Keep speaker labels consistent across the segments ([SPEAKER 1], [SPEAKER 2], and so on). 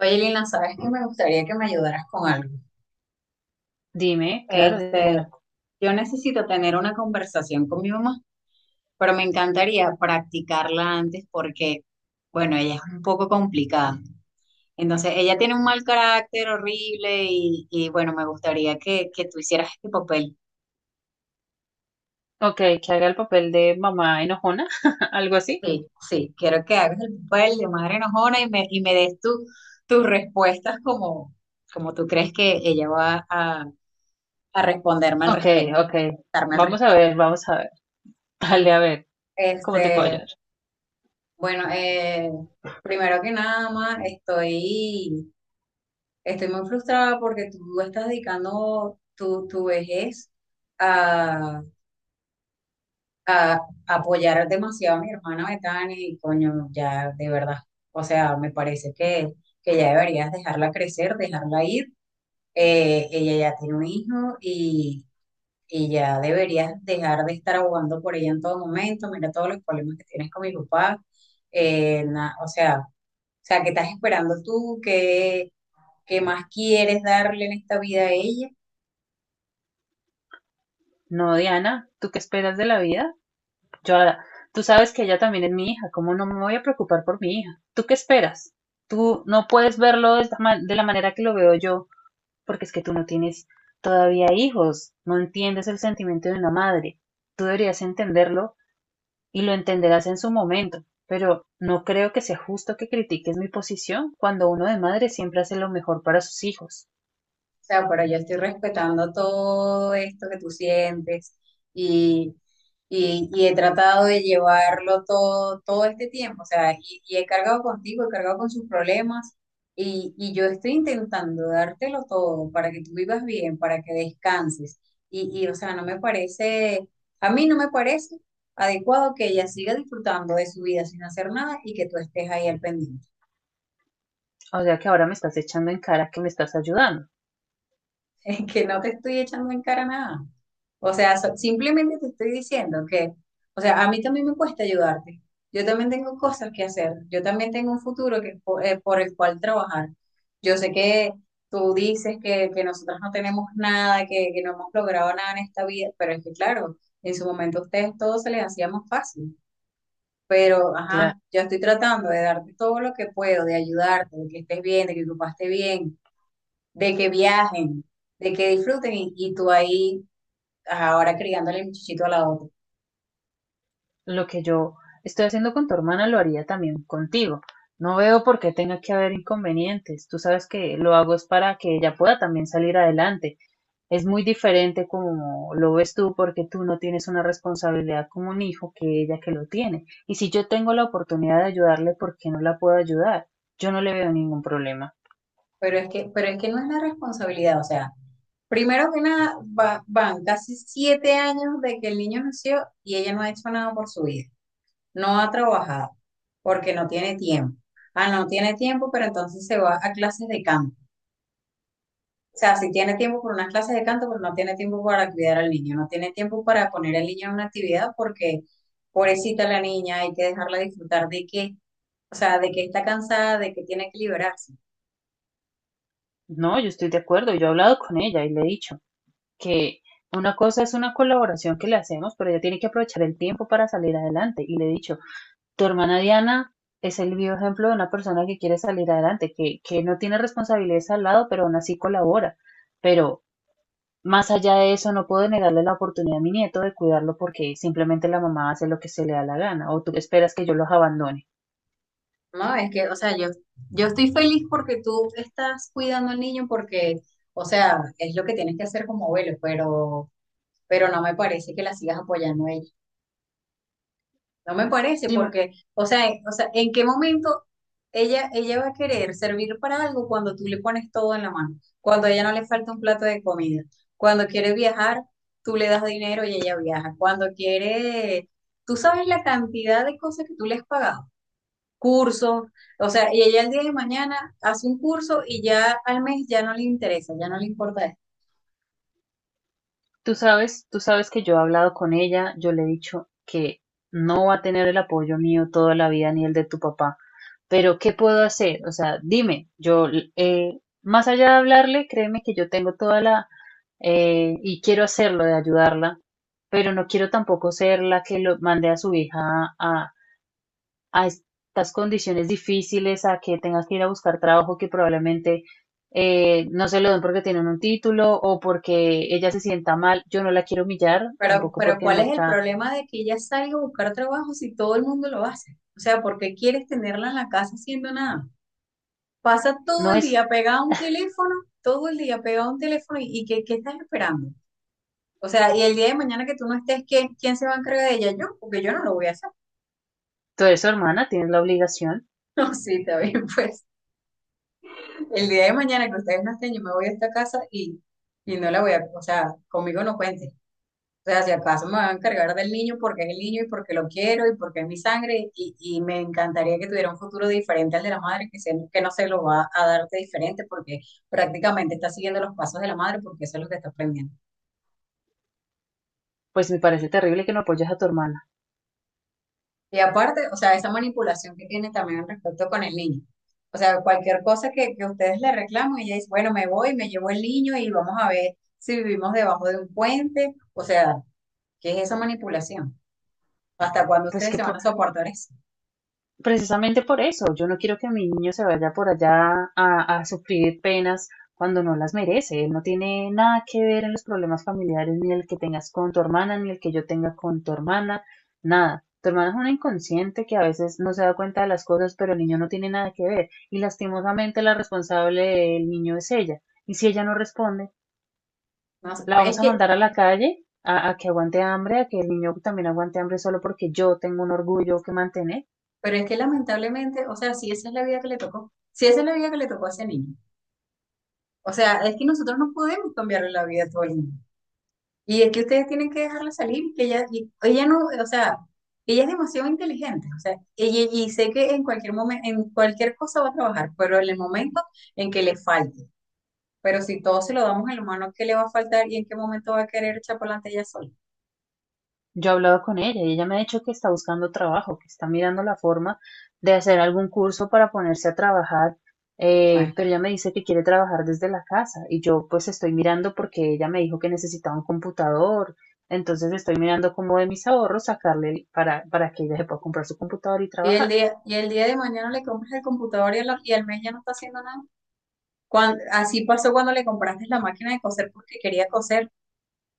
[SPEAKER 1] Oye, Lina, ¿sabes que me gustaría que me ayudaras con algo?
[SPEAKER 2] Dime, claro,
[SPEAKER 1] Este,
[SPEAKER 2] Diana.
[SPEAKER 1] yo necesito tener una conversación con mi mamá, pero me encantaría practicarla antes porque, bueno, ella es un poco complicada. Entonces, ella tiene un mal carácter horrible bueno, me gustaría que tú hicieras este papel.
[SPEAKER 2] Ok, que haga el papel de mamá enojona, algo así.
[SPEAKER 1] Sí, sí, quiero que hagas el papel de madre enojona y me des tus respuestas como tú crees que ella va a responderme al
[SPEAKER 2] Ok,
[SPEAKER 1] respecto,
[SPEAKER 2] ok.
[SPEAKER 1] darme al
[SPEAKER 2] Vamos
[SPEAKER 1] respecto.
[SPEAKER 2] a ver, vamos a ver. Dale, a ver, ¿cómo te puedo
[SPEAKER 1] Este,
[SPEAKER 2] ayudar?
[SPEAKER 1] Bueno, primero que nada más, estoy muy frustrada porque tú estás dedicando tu vejez a, a apoyar demasiado a mi hermana Betania y coño, ya de verdad, o sea, me parece que ya deberías dejarla crecer, dejarla ir. Ella ya tiene un hijo y ya deberías dejar de estar abogando por ella en todo momento. Mira todos los problemas que tienes con mi papá. O sea, ¿qué estás esperando tú? ¿Qué más quieres darle en esta vida a ella?
[SPEAKER 2] No, Diana, ¿tú qué esperas de la vida? Yo, tú sabes que ella también es mi hija, ¿cómo no me voy a preocupar por mi hija? ¿Tú qué esperas? Tú no puedes verlo de de la manera que lo veo yo, porque es que tú no tienes todavía hijos, no entiendes el sentimiento de una madre. Tú deberías entenderlo y lo entenderás en su momento, pero no creo que sea justo que critiques mi posición cuando uno de madre siempre hace lo mejor para sus hijos.
[SPEAKER 1] O sea, pero yo estoy respetando todo esto que tú sientes y, y he tratado de llevarlo todo, todo este tiempo. O sea, y he cargado contigo, he cargado con sus problemas y yo estoy intentando dártelo todo para que tú vivas bien, para que descanses. O sea, no me parece, a mí no me parece adecuado que ella siga disfrutando de su vida sin hacer nada y que tú estés ahí al pendiente.
[SPEAKER 2] O sea que ahora me estás echando en cara que me estás ayudando.
[SPEAKER 1] Que no te estoy echando en cara nada. O sea, simplemente te estoy diciendo que, o sea, a mí también me cuesta ayudarte. Yo también tengo cosas que hacer. Yo también tengo un futuro que, por el cual trabajar. Yo sé que tú dices que nosotros no tenemos nada, que no hemos logrado nada en esta vida, pero es que, claro, en su momento a ustedes todo se les hacía más fácil. Pero,
[SPEAKER 2] Claro,
[SPEAKER 1] ajá, yo estoy tratando de darte todo lo que puedo, de ayudarte, de que estés bien, de que tu papá esté bien, de que viajen, de que disfruten y tú ahí ahora criándole el muchachito a la otra.
[SPEAKER 2] lo que yo estoy haciendo con tu hermana lo haría también contigo. No veo por qué tenga que haber inconvenientes. Tú sabes que lo hago es para que ella pueda también salir adelante. Es muy diferente como lo ves tú porque tú no tienes una responsabilidad como un hijo que ella que lo tiene. Y si yo tengo la oportunidad de ayudarle, ¿por qué no la puedo ayudar? Yo no le veo ningún problema.
[SPEAKER 1] Pero es que no es la responsabilidad, o sea, primero que nada, van casi 7 años de que el niño nació y ella no ha hecho nada por su vida, no ha trabajado, porque no tiene tiempo. Ah, no tiene tiempo, pero entonces se va a clases de canto. O sea, si tiene tiempo por unas clases de canto, pero no tiene tiempo para cuidar al niño, no tiene tiempo para poner al niño en una actividad porque pobrecita la niña, hay que dejarla disfrutar de que, o sea, de que está cansada, de que tiene que liberarse.
[SPEAKER 2] No, yo estoy de acuerdo. Yo he hablado con ella y le he dicho que una cosa es una colaboración que le hacemos, pero ella tiene que aprovechar el tiempo para salir adelante. Y le he dicho, tu hermana Diana es el vivo ejemplo de una persona que quiere salir adelante, que no tiene responsabilidades al lado, pero aún así colabora. Pero más allá de eso, no puedo negarle la oportunidad a mi nieto de cuidarlo porque simplemente la mamá hace lo que se le da la gana o tú esperas que yo los abandone.
[SPEAKER 1] No, es que, o sea, yo estoy feliz porque tú estás cuidando al niño porque, o sea, es lo que tienes que hacer como abuelo, pero no me parece que la sigas apoyando a ella. No me parece
[SPEAKER 2] Dime,
[SPEAKER 1] porque, o sea, o sea, ¿en qué momento ella va a querer servir para algo cuando tú le pones todo en la mano? Cuando a ella no le falta un plato de comida. Cuando quiere viajar, tú le das dinero y ella viaja. Cuando quiere, tú sabes la cantidad de cosas que tú le has pagado cursos, o sea, y ella el día de mañana hace un curso y ya al mes ya no le interesa, ya no le importa eso.
[SPEAKER 2] tú sabes que yo he hablado con ella, yo le he dicho que no va a tener el apoyo mío toda la vida ni el de tu papá, pero ¿qué puedo hacer? O sea, dime, yo, más allá de hablarle, créeme que yo tengo toda la, y quiero hacerlo de ayudarla, pero no quiero tampoco ser la que lo mande a su hija a, a estas condiciones difíciles, a que tengas que ir a buscar trabajo que probablemente no se lo den porque tienen un título o porque ella se sienta mal. Yo no la quiero humillar,
[SPEAKER 1] Pero,
[SPEAKER 2] tampoco
[SPEAKER 1] pero
[SPEAKER 2] porque
[SPEAKER 1] ¿cuál
[SPEAKER 2] no
[SPEAKER 1] es el
[SPEAKER 2] está,
[SPEAKER 1] problema de que ella salga a buscar trabajo si todo el mundo lo hace? O sea, ¿por qué quieres tenerla en la casa haciendo nada? Pasa todo
[SPEAKER 2] no
[SPEAKER 1] el
[SPEAKER 2] es,
[SPEAKER 1] día pegada a un teléfono, todo el día pegada a un teléfono y ¿qué estás esperando? O sea, y el día de mañana que tú no estés, ¿quién se va a encargar de ella? Yo, porque yo no lo voy a hacer.
[SPEAKER 2] tú eres su hermana, tienes la obligación.
[SPEAKER 1] No, sí, está bien, pues. El día de mañana que ustedes no estén, yo me voy a esta casa y no la voy a, o sea, conmigo no cuente. O sea, si acaso me van a encargar del niño porque es el niño y porque lo quiero y porque es mi sangre y me encantaría que tuviera un futuro diferente al de la madre, que no se lo va a darte diferente porque prácticamente está siguiendo los pasos de la madre porque eso es lo que está aprendiendo.
[SPEAKER 2] Pues me parece terrible que no apoyes a tu hermana.
[SPEAKER 1] Y aparte, o sea, esa manipulación que tiene también respecto con el niño. O sea, cualquier cosa que ustedes le reclaman, ella dice, bueno, me voy, me llevo el niño y vamos a ver si vivimos debajo de un puente. O sea, ¿qué es esa manipulación? ¿Hasta cuándo
[SPEAKER 2] Pues
[SPEAKER 1] ustedes
[SPEAKER 2] que,
[SPEAKER 1] se van
[SPEAKER 2] po-
[SPEAKER 1] a soportar eso?
[SPEAKER 2] precisamente por eso, yo no quiero que mi niño se vaya por allá a sufrir penas cuando no las merece. Él no tiene nada que ver en los problemas familiares, ni el que tengas con tu hermana, ni el que yo tenga con tu hermana, nada. Tu hermana es una inconsciente que a veces no se da cuenta de las cosas, pero el niño no tiene nada que ver. Y lastimosamente la responsable del niño es ella. Y si ella no responde,
[SPEAKER 1] No sé,
[SPEAKER 2] la vamos a mandar a la calle a que aguante hambre, a que el niño también aguante hambre solo porque yo tengo un orgullo que mantener.
[SPEAKER 1] pero es que lamentablemente, o sea, si esa es la vida que le tocó, si esa es la vida que le tocó a ese niño. O sea, es que nosotros no podemos cambiarle la vida a todo el mundo. Y es que ustedes tienen que dejarla salir, que ella, ella no, o sea, ella es demasiado inteligente, o sea, y sé que en cualquier momento, en cualquier cosa va a trabajar, pero en el momento en que le falte, pero si todo se lo damos en la mano, ¿qué le va a faltar y en qué momento va a querer echar para adelante ella sola?
[SPEAKER 2] Yo he hablado con ella y ella me ha dicho que está buscando trabajo, que está mirando la forma de hacer algún curso para ponerse a trabajar,
[SPEAKER 1] Imagínate.
[SPEAKER 2] pero ella me dice que quiere trabajar desde la casa y yo pues estoy mirando porque ella me dijo que necesitaba un computador, entonces estoy mirando cómo de mis ahorros sacarle para que ella se pueda comprar su computador y
[SPEAKER 1] Y el
[SPEAKER 2] trabajar.
[SPEAKER 1] día, y el día de mañana le compras el computador y al mes ya no está haciendo nada. Así pasó cuando le compraste la máquina de coser porque quería coser.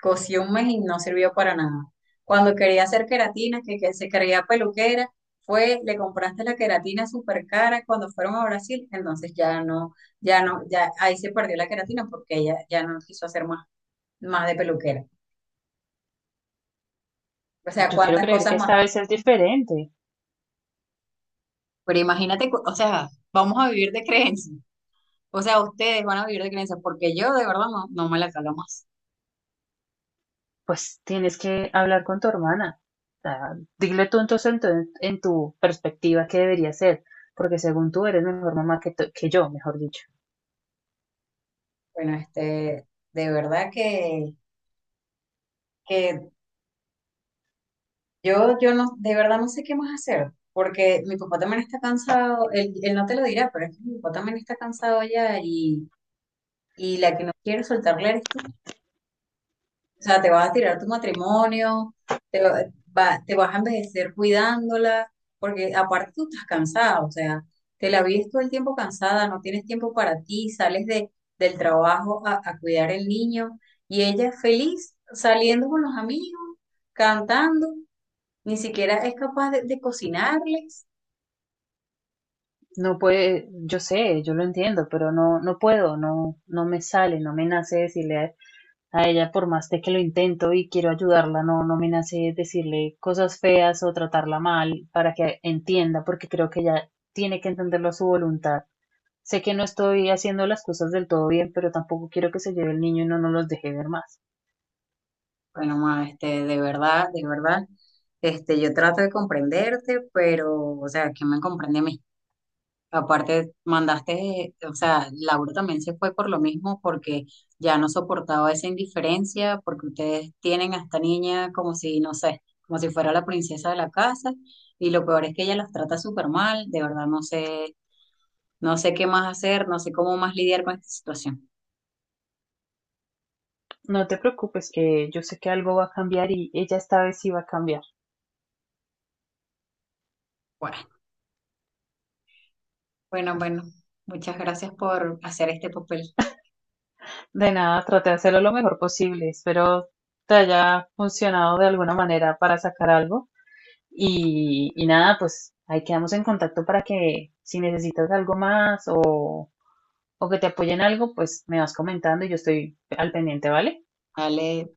[SPEAKER 1] Cocí un mes y no sirvió para nada. Cuando quería hacer queratina, que se creía peluquera, le compraste la queratina súper cara cuando fueron a Brasil, entonces ya no, ya no, ya ahí se perdió la queratina porque ella ya no quiso hacer más de peluquera. O sea,
[SPEAKER 2] Yo quiero
[SPEAKER 1] cuántas
[SPEAKER 2] creer
[SPEAKER 1] cosas
[SPEAKER 2] que
[SPEAKER 1] más.
[SPEAKER 2] esta vez es diferente.
[SPEAKER 1] Pero imagínate, o sea, vamos a vivir de creencias. O sea, ustedes van a vivir de creencias porque yo de verdad no, no me la calo más.
[SPEAKER 2] Pues tienes que hablar con tu hermana. O sea, dile tú entonces en tu perspectiva qué debería ser, porque según tú eres mejor mamá que, que yo, mejor dicho.
[SPEAKER 1] Bueno, de verdad que yo no, de verdad no sé qué más hacer, porque mi papá también está cansado, él no te lo dirá, pero es que mi papá también está cansado ya y la que no quiere soltarle eres tú. O sea, te vas a tirar tu matrimonio, te, va, te vas a envejecer cuidándola, porque aparte tú estás cansada, o sea, te la vives todo el tiempo cansada, no tienes tiempo para ti, sales del trabajo a cuidar el niño y ella feliz saliendo con los amigos, cantando. Ni siquiera es capaz de cocinarles.
[SPEAKER 2] No puede, yo sé, yo lo entiendo, pero no, no puedo, no, no me sale, no me nace decirle a ella, por más de que lo intento y quiero ayudarla, no, no me nace decirle cosas feas o tratarla mal para que entienda, porque creo que ella tiene que entenderlo a su voluntad. Sé que no estoy haciendo las cosas del todo bien, pero tampoco quiero que se lleve el niño y no nos los deje ver más.
[SPEAKER 1] Bueno, ma, de verdad, yo trato de comprenderte, pero, o sea, ¿quién me comprende a mí? Aparte, mandaste, o sea, Laura también se fue por lo mismo, porque ya no soportaba esa indiferencia, porque ustedes tienen a esta niña como si, no sé, como si fuera la princesa de la casa, y lo peor es que ella las trata súper mal, de verdad, no sé, no sé qué más hacer, no sé cómo más lidiar con esta situación.
[SPEAKER 2] No te preocupes, que yo sé que algo va a cambiar y ella esta vez sí va a cambiar.
[SPEAKER 1] bueno bueno, muchas gracias por hacer este papel.
[SPEAKER 2] De nada, traté de hacerlo lo mejor posible. Espero te haya funcionado de alguna manera para sacar algo. Y nada, pues ahí quedamos en contacto para que si necesitas algo más o que te apoyen algo, pues me vas comentando y yo estoy al pendiente, ¿vale?
[SPEAKER 1] Vale,